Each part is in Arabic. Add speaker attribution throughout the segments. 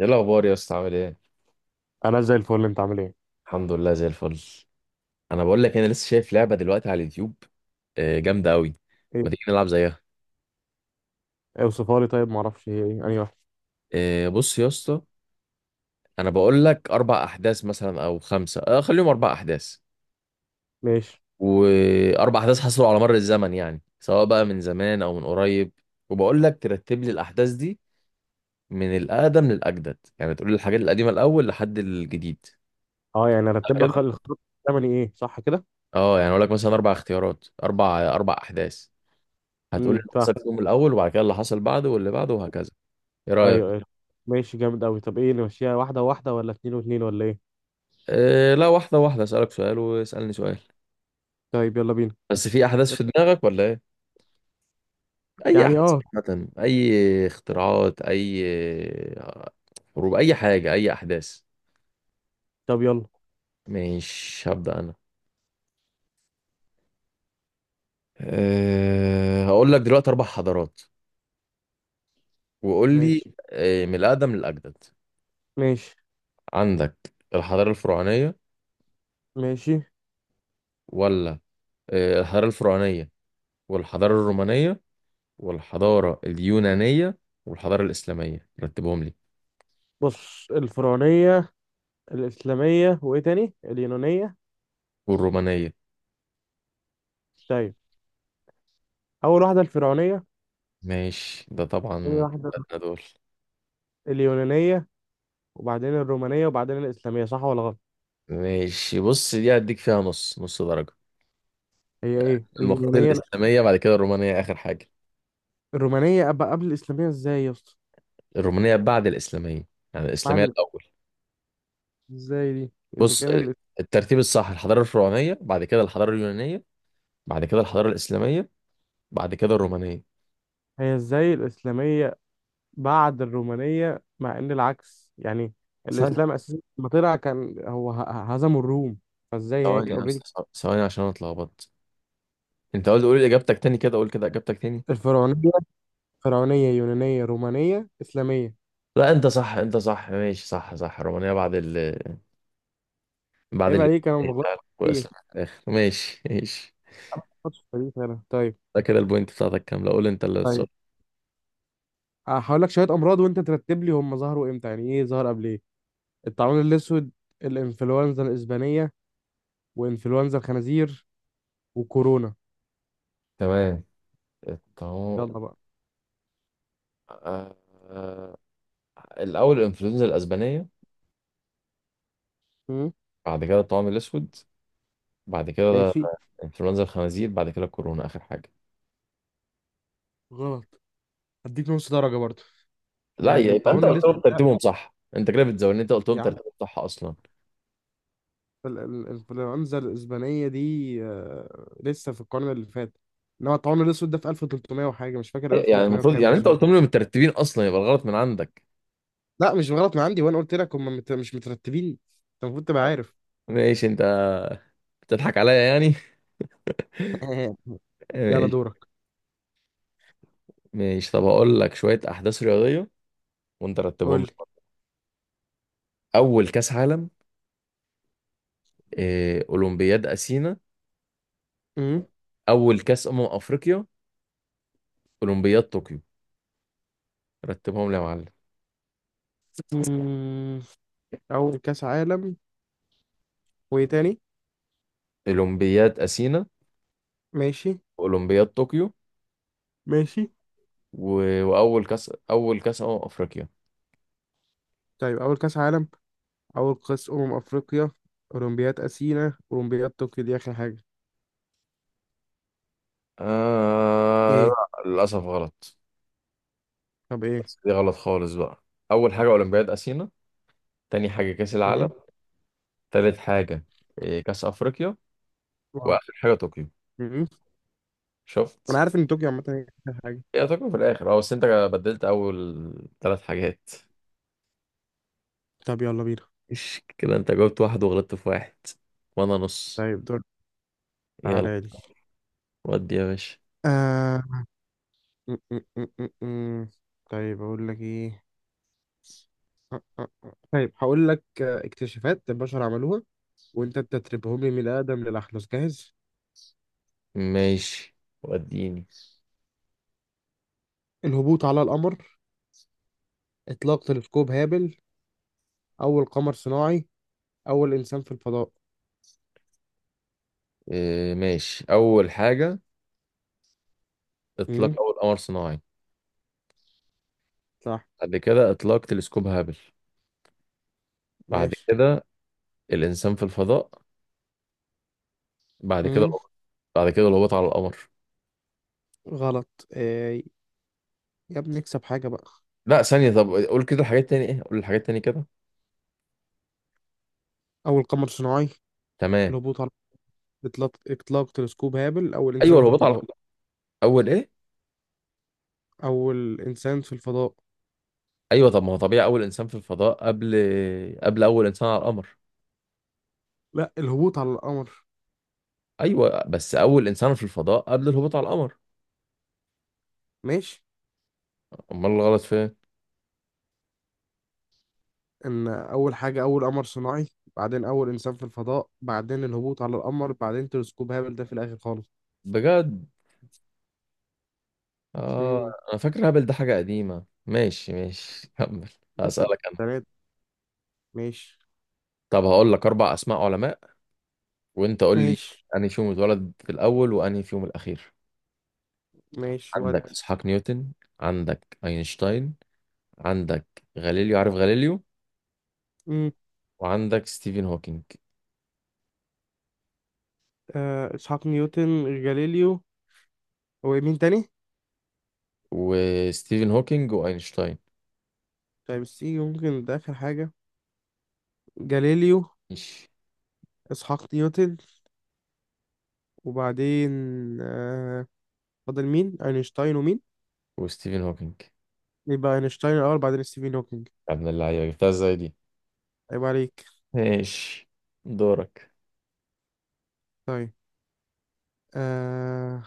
Speaker 1: ايه الاخبار يا اسطى؟ عامل ايه؟
Speaker 2: انا زي الفل. انت عامل ايه؟
Speaker 1: الحمد لله، زي الفل. انا بقول لك انا لسه شايف لعبه دلوقتي على اليوتيوب، آه، جامده قوي. ما
Speaker 2: ايه؟
Speaker 1: تيجي نلعب زيها؟
Speaker 2: اوصفها لي، طيب ما اعرفش هي ايه، انهي واحده.
Speaker 1: آه، بص يا اسطى. انا بقول لك اربع احداث مثلا او خمسه، خليهم اربع احداث.
Speaker 2: ماشي.
Speaker 1: واربع احداث حصلوا على مر الزمن، يعني سواء بقى من زمان او من قريب. وبقول لك ترتب لي الاحداث دي من الاقدم للاجدد، يعني تقول لي الحاجات القديمه الاول لحد الجديد.
Speaker 2: اه يعني ارتب لك
Speaker 1: كده.
Speaker 2: الخط الثمني، ايه؟ صح كده.
Speaker 1: اه، يعني اقول لك مثلا اربع اختيارات، اربع احداث. هتقول اللي
Speaker 2: فاهم.
Speaker 1: حصل في اليوم الاول وبعد كده اللي حصل بعده واللي بعده وهكذا. ايه رايك؟
Speaker 2: ايوه، ايوه. ماشي، جامد قوي. طب ايه، نمشيها واحده واحده ولا اتنين واتنين ولا ايه؟
Speaker 1: أه، لا، واحده واحده، اسالك سؤال واسالني سؤال.
Speaker 2: طيب يلا بينا.
Speaker 1: بس في احداث في دماغك ولا ايه؟ اي
Speaker 2: يعني
Speaker 1: احداث
Speaker 2: اه.
Speaker 1: عامه، اي اختراعات، اي حروب، اي حاجه، اي احداث.
Speaker 2: طب يلا.
Speaker 1: مش هبدا انا. أه، هقول لك دلوقتي اربع حضارات وقول لي.
Speaker 2: ماشي،
Speaker 1: أه، من الاقدم للاجدد.
Speaker 2: ماشي،
Speaker 1: عندك الحضاره الفرعونيه،
Speaker 2: ماشي.
Speaker 1: ولا... أه، الحضاره الفرعونيه والحضاره الرومانيه والحضارة اليونانية والحضارة الإسلامية، رتبهم لي.
Speaker 2: بص، الفرعونيه، الاسلاميه، وايه تاني؟ اليونانيه.
Speaker 1: والرومانية.
Speaker 2: طيب، اول واحده الفرعونيه.
Speaker 1: ماشي، ده
Speaker 2: ثاني
Speaker 1: طبعا.
Speaker 2: واحده
Speaker 1: أدنى دول.
Speaker 2: اليونانيه. وبعدين الرومانيه وبعدين الاسلاميه، صح ولا غلط؟
Speaker 1: ماشي، بص، دي هديك فيها نص نص درجة.
Speaker 2: هي ايه
Speaker 1: المفروض
Speaker 2: اليونانيه؟
Speaker 1: الإسلامية بعد كده الرومانية، آخر حاجة.
Speaker 2: الرومانية أبقى قبل الإسلامية إزاي يا اسطى؟
Speaker 1: الرومانية بعد الإسلامية، يعني
Speaker 2: بعد
Speaker 1: الإسلامية
Speaker 2: ال-
Speaker 1: الأول.
Speaker 2: إزاي دي؟
Speaker 1: بص، الترتيب الصح الحضارة الفرعونية، بعد كده الحضارة اليونانية، بعد كده الحضارة الإسلامية، بعد كده الرومانية.
Speaker 2: هي إزاي الإسلامية بعد الرومانية، مع إن العكس يعني.
Speaker 1: ثانية.
Speaker 2: الإسلام أساسا لما طلع كان هو هزموا الروم. فإزاي هي
Speaker 1: ثواني
Speaker 2: كده
Speaker 1: يا
Speaker 2: أوريدي؟
Speaker 1: أسطى، ثواني عشان أنا اتلخبطت. أنت قلت قول إجابتك تاني كده، قول كده إجابتك تاني.
Speaker 2: الفرعونية، فرعونية، يونانية، رومانية، إسلامية.
Speaker 1: لا، انت صح، انت صح، ماشي، صح صح. رومانيا بعد ال بعد
Speaker 2: عيب
Speaker 1: ال
Speaker 2: عليك، أنا ما بغلطش كتير.
Speaker 1: والاسلام
Speaker 2: ما
Speaker 1: في الاخر. ماشي ماشي.
Speaker 2: بغلطش في التاريخ أنا. طيب.
Speaker 1: ده كده البوينت بتاعتك كامله، قول انت اللي السؤال.
Speaker 2: طيب هقول لك شوية أمراض وأنت ترتب لي هم ظهروا إمتى، يعني إيه ظهر قبل إيه؟ الطاعون الأسود، الإنفلونزا الإسبانية، وإنفلونزا الخنازير، وكورونا.
Speaker 1: تمام. الطاعون.
Speaker 2: يلا بقى.
Speaker 1: آه... آه، الأول الإنفلونزا الأسبانية،
Speaker 2: مم.
Speaker 1: بعد كده الطاعون الأسود، بعد كده
Speaker 2: ماشي.
Speaker 1: إنفلونزا الخنازير، بعد كده الكورونا آخر حاجة.
Speaker 2: غلط. هديك نص درجة برضو.
Speaker 1: لا،
Speaker 2: لأن
Speaker 1: يبقى أنت
Speaker 2: الطاعون
Speaker 1: قلت
Speaker 2: الأسود،
Speaker 1: لهم ترتيبهم صح، أنت كده بتزودني، أنت قلت لهم
Speaker 2: يا عم،
Speaker 1: ترتيبهم صح أصلا.
Speaker 2: الإنفلونزا الإسبانية دي لسه في القرن اللي فات. إنما الطاعون الأسود ده في 1300 وحاجة، مش فاكر
Speaker 1: يعني
Speaker 2: 1300
Speaker 1: المفروض،
Speaker 2: وكام
Speaker 1: يعني
Speaker 2: بس
Speaker 1: انت
Speaker 2: هو.
Speaker 1: قلت لهم مترتبين اصلا، يبقى الغلط من عندك.
Speaker 2: لا، مش غلط من عندي، وأنا قلت لك هم مش مترتبين. أنت المفروض تبقى
Speaker 1: آه.
Speaker 2: عارف.
Speaker 1: ماشي، انت بتضحك عليا يعني.
Speaker 2: يلا
Speaker 1: ماشي.
Speaker 2: دورك.
Speaker 1: ماشي، طب هقول لك شوية أحداث رياضية وأنت رتبهم
Speaker 2: قول لي.
Speaker 1: لي. أول كأس عالم، أولمبياد أثينا،
Speaker 2: مم.
Speaker 1: أول كأس أمم أفريقيا، أولمبياد طوكيو، رتبهم لي يا معلم.
Speaker 2: مم. أول كأس عالم، وإيه تاني؟
Speaker 1: أولمبياد أثينا،
Speaker 2: ماشي.
Speaker 1: أولمبياد طوكيو،
Speaker 2: ماشي.
Speaker 1: وأول كأس أمم أفريقيا.
Speaker 2: طيب أول كأس عالم، أول قياس أمم أفريقيا، أولمبياد أثينا، أولمبياد طوكيو دي آخر حاجة. إيه؟
Speaker 1: لا، للأسف غلط.
Speaker 2: طب إيه؟
Speaker 1: بس دي غلط خالص بقى. أول حاجة أولمبياد أثينا، تاني حاجة كأس العالم،
Speaker 2: مهم.
Speaker 1: تالت حاجة كأس أفريقيا،
Speaker 2: واو.
Speaker 1: وآخر حاجة طوكيو.
Speaker 2: مهم. أنا
Speaker 1: شفت؟
Speaker 2: عارف إن طوكيو عامة هي آخر حاجة.
Speaker 1: هي تكمل في الاخر، اه، بس انت بدلت اول ثلاث حاجات.
Speaker 2: طب يلا بينا.
Speaker 1: مش كده؟ انت جاوبت واحد وغلطت في واحد، وانا نص.
Speaker 2: طيب دور،
Speaker 1: يلا.
Speaker 2: تعالى لي.
Speaker 1: ودي يا باشا.
Speaker 2: آه. م- م- م- م- م. طيب أقول لك إيه. أ- أ- أ. طيب هقول لك اكتشافات البشر عملوها، وأنت تتربهم لي من الأقدم للأحدث، جاهز؟
Speaker 1: ماشي، وديني.
Speaker 2: الهبوط على القمر، إطلاق تلسكوب هابل، أول قمر صناعي، أول إنسان في الفضاء.
Speaker 1: إيه، ماشي، اول حاجة اطلاق
Speaker 2: مم.
Speaker 1: اول قمر صناعي،
Speaker 2: صح.
Speaker 1: بعد كده اطلاق تلسكوب هابل، بعد
Speaker 2: ماشي.
Speaker 1: كده الانسان في الفضاء، بعد كده القمر. بعد كده الهبوط على القمر.
Speaker 2: غلط يا ابني، اكسب حاجة بقى.
Speaker 1: لا، ثانية، طب قول كده الحاجات تاني، ايه، قول الحاجات تاني كده.
Speaker 2: أول قمر صناعي،
Speaker 1: تمام.
Speaker 2: الهبوط على، إطلاق تلسكوب هابل، أول
Speaker 1: ايوه،
Speaker 2: إنسان في
Speaker 1: الهبوط على
Speaker 2: الفضاء.
Speaker 1: القمر. اول ايه؟
Speaker 2: أول إنسان في الفضاء.
Speaker 1: ايوه، طب ما هو طبيعي اول انسان في الفضاء قبل اول انسان على القمر.
Speaker 2: لا، الهبوط على القمر.
Speaker 1: ايوه، بس اول انسان في الفضاء قبل الهبوط على القمر.
Speaker 2: ماشي.
Speaker 1: امال الغلط فين؟
Speaker 2: إن أول حاجة أول قمر صناعي، بعدين أول إنسان في الفضاء، بعدين الهبوط على القمر، بعدين تلسكوب هابل ده في الآخر خالص.
Speaker 1: بجد؟ اه.
Speaker 2: امم
Speaker 1: انا فاكر هبل ده حاجه قديمه. ماشي ماشي. كمل.
Speaker 2: لسه
Speaker 1: هسألك انا.
Speaker 2: تلاتة. ماشي،
Speaker 1: طب هقول لك اربع اسماء علماء وانت قول لي
Speaker 2: ماشي،
Speaker 1: انهي فيهم اتولد في الاول وانهي فيهم الاخير.
Speaker 2: ماشي
Speaker 1: عندك
Speaker 2: ودي.
Speaker 1: اسحاق نيوتن، عندك اينشتاين، عندك غاليليو، عارف غاليليو،
Speaker 2: امم
Speaker 1: وعندك ستيفن هوكينج.
Speaker 2: إسحاق نيوتن، جاليليو، هو مين تاني؟
Speaker 1: وستيفن هوكينج واينشتاين.
Speaker 2: طيب السي يمكن ده آخر حاجة. جاليليو،
Speaker 1: ماشي.
Speaker 2: اسحاق نيوتن، وبعدين آه فاضل مين، اينشتاين ومين؟
Speaker 1: وستيفن هوكينج.
Speaker 2: يبقى اينشتاين الاول، بعدين ستيفن هوكينج.
Speaker 1: يا ابن اللعيبة، جبتها ازاي دي؟
Speaker 2: عيب عليك.
Speaker 1: ماشي، دورك.
Speaker 2: طيب. آه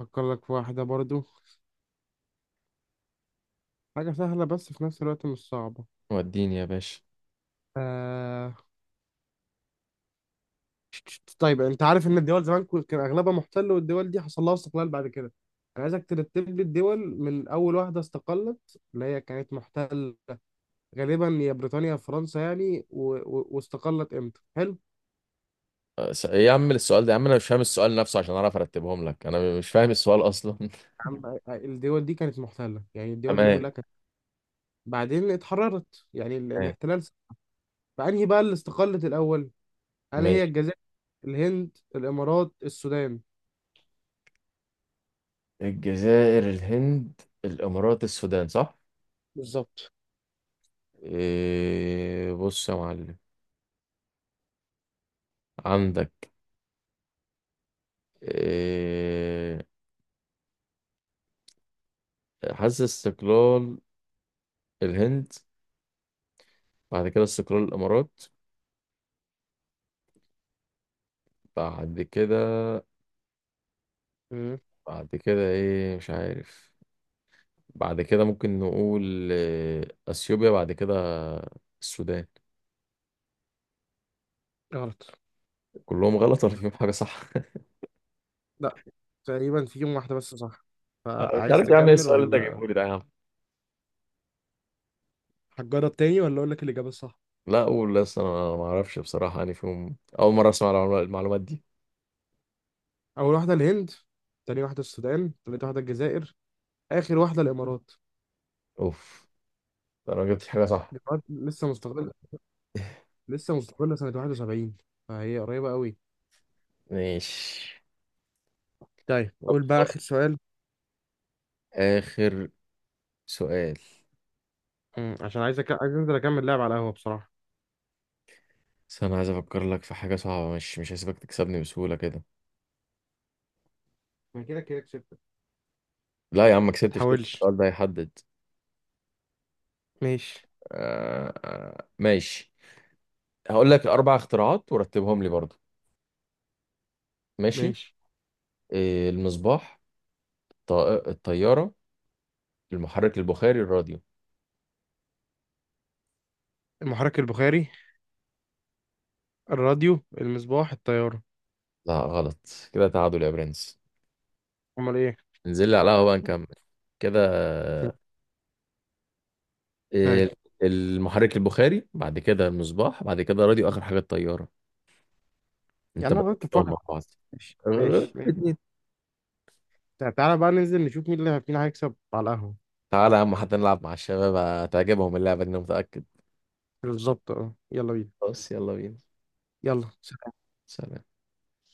Speaker 2: افكر لك في واحده برضو، حاجه سهله بس في نفس الوقت مش صعبه.
Speaker 1: وديني يا باشا.
Speaker 2: آه طيب. انت عارف ان الدول زمان كان اغلبها محتل، والدول دي حصل لها استقلال بعد كده. انا عايزك ترتب لي الدول من اول واحده استقلت، اللي هي كانت محتله غالبا، يا بريطانيا يا فرنسا يعني، واستقلت امتى، حلو؟
Speaker 1: ايه يا عم، السؤال ده يا عم، انا مش فاهم السؤال نفسه عشان اعرف ارتبهم لك، انا مش فاهم السؤال اصلا.
Speaker 2: عم الدول دي كانت محتلة، يعني الدول دي
Speaker 1: تمام.
Speaker 2: كلها كانت بعدين اتحررت، يعني
Speaker 1: تمام،
Speaker 2: الاحتلال فأنهي بقى اللي استقلت الأول، هل هي
Speaker 1: ماشي.
Speaker 2: الجزائر، الهند، الإمارات، السودان؟
Speaker 1: الجزائر، الهند، الامارات، السودان، صح.
Speaker 2: بالظبط.
Speaker 1: إيه، بص يا معلم. عندك، إيه، حاسس استقلال الهند، بعد كده استقلال الامارات، بعد كده
Speaker 2: مم.
Speaker 1: بعد كده ايه، مش عارف. بعد كده ممكن نقول اثيوبيا، بعد كده السودان.
Speaker 2: غلط.
Speaker 1: كلهم غلط ولا فيهم حاجه صح؟
Speaker 2: لا، تقريبا فيهم واحدة بس صح.
Speaker 1: انا مش
Speaker 2: فعايز
Speaker 1: عارف يا عم، ايه
Speaker 2: تكمل
Speaker 1: السؤال اللي انت
Speaker 2: ولا
Speaker 1: جايبه لي ده يا عم.
Speaker 2: هتجرب تاني، ولا أقول لك الإجابة الصح؟
Speaker 1: لا، قول، لسه انا ما اعرفش بصراحه، يعني فيهم اول مره اسمع المعلومات دي.
Speaker 2: أول واحدة الهند، تاني واحدة السودان، تالت واحدة الجزائر، آخر واحدة الإمارات.
Speaker 1: اوف. ده انا ما جبتش حاجه صح.
Speaker 2: الإمارات لسه مستقلة، لسه مستقلة سنة 71، فهي قريبة قوي.
Speaker 1: ماشي.
Speaker 2: طيب
Speaker 1: طب
Speaker 2: قول بقى
Speaker 1: خلاص.
Speaker 2: آخر سؤال.
Speaker 1: آخر سؤال.
Speaker 2: مم. عشان عايز عايز انزل اكمل لعب على القهوه بصراحه.
Speaker 1: بس أنا عايز أفكر لك في حاجة صعبة، مش هسيبك تكسبني بسهولة كده.
Speaker 2: ما كده كده كسبت،
Speaker 1: لا يا عم، ما
Speaker 2: ما
Speaker 1: كسبتش لسه،
Speaker 2: تحاولش.
Speaker 1: السؤال ده هيحدد.
Speaker 2: ماشي،
Speaker 1: آه آه، ماشي. هقول لك أربع اختراعات ورتبهم لي برضو. ماشي.
Speaker 2: ماشي.
Speaker 1: إيه، المصباح، الط- الطيارة، المحرك البخاري، الراديو.
Speaker 2: المحرك البخاري، الراديو، المصباح، الطياره.
Speaker 1: لا غلط. كده تعادل يا برنس.
Speaker 2: امال ايه؟
Speaker 1: انزل لي على القهوة بقى نكمل. كده.
Speaker 2: طيب.
Speaker 1: إيه، المحرك البخاري، بعد كده المصباح، بعد كده راديو، آخر حاجة الطيارة. انت
Speaker 2: يعني انا غلطت في
Speaker 1: بدأتهم
Speaker 2: واحد.
Speaker 1: مع بعض.
Speaker 2: ماشي، ماشي،
Speaker 1: غلط
Speaker 2: ماشي.
Speaker 1: الاتنين.
Speaker 2: تعالى بقى ننزل نشوف مين اللي مين هيكسب على القهوه.
Speaker 1: تعالى يا عم، حتى نلعب مع الشباب، هتعجبهم اللعبة دي، انا متأكد.
Speaker 2: بالظبط اه، يلا بينا.
Speaker 1: خلاص، يلا بينا.
Speaker 2: يلا.
Speaker 1: سلام.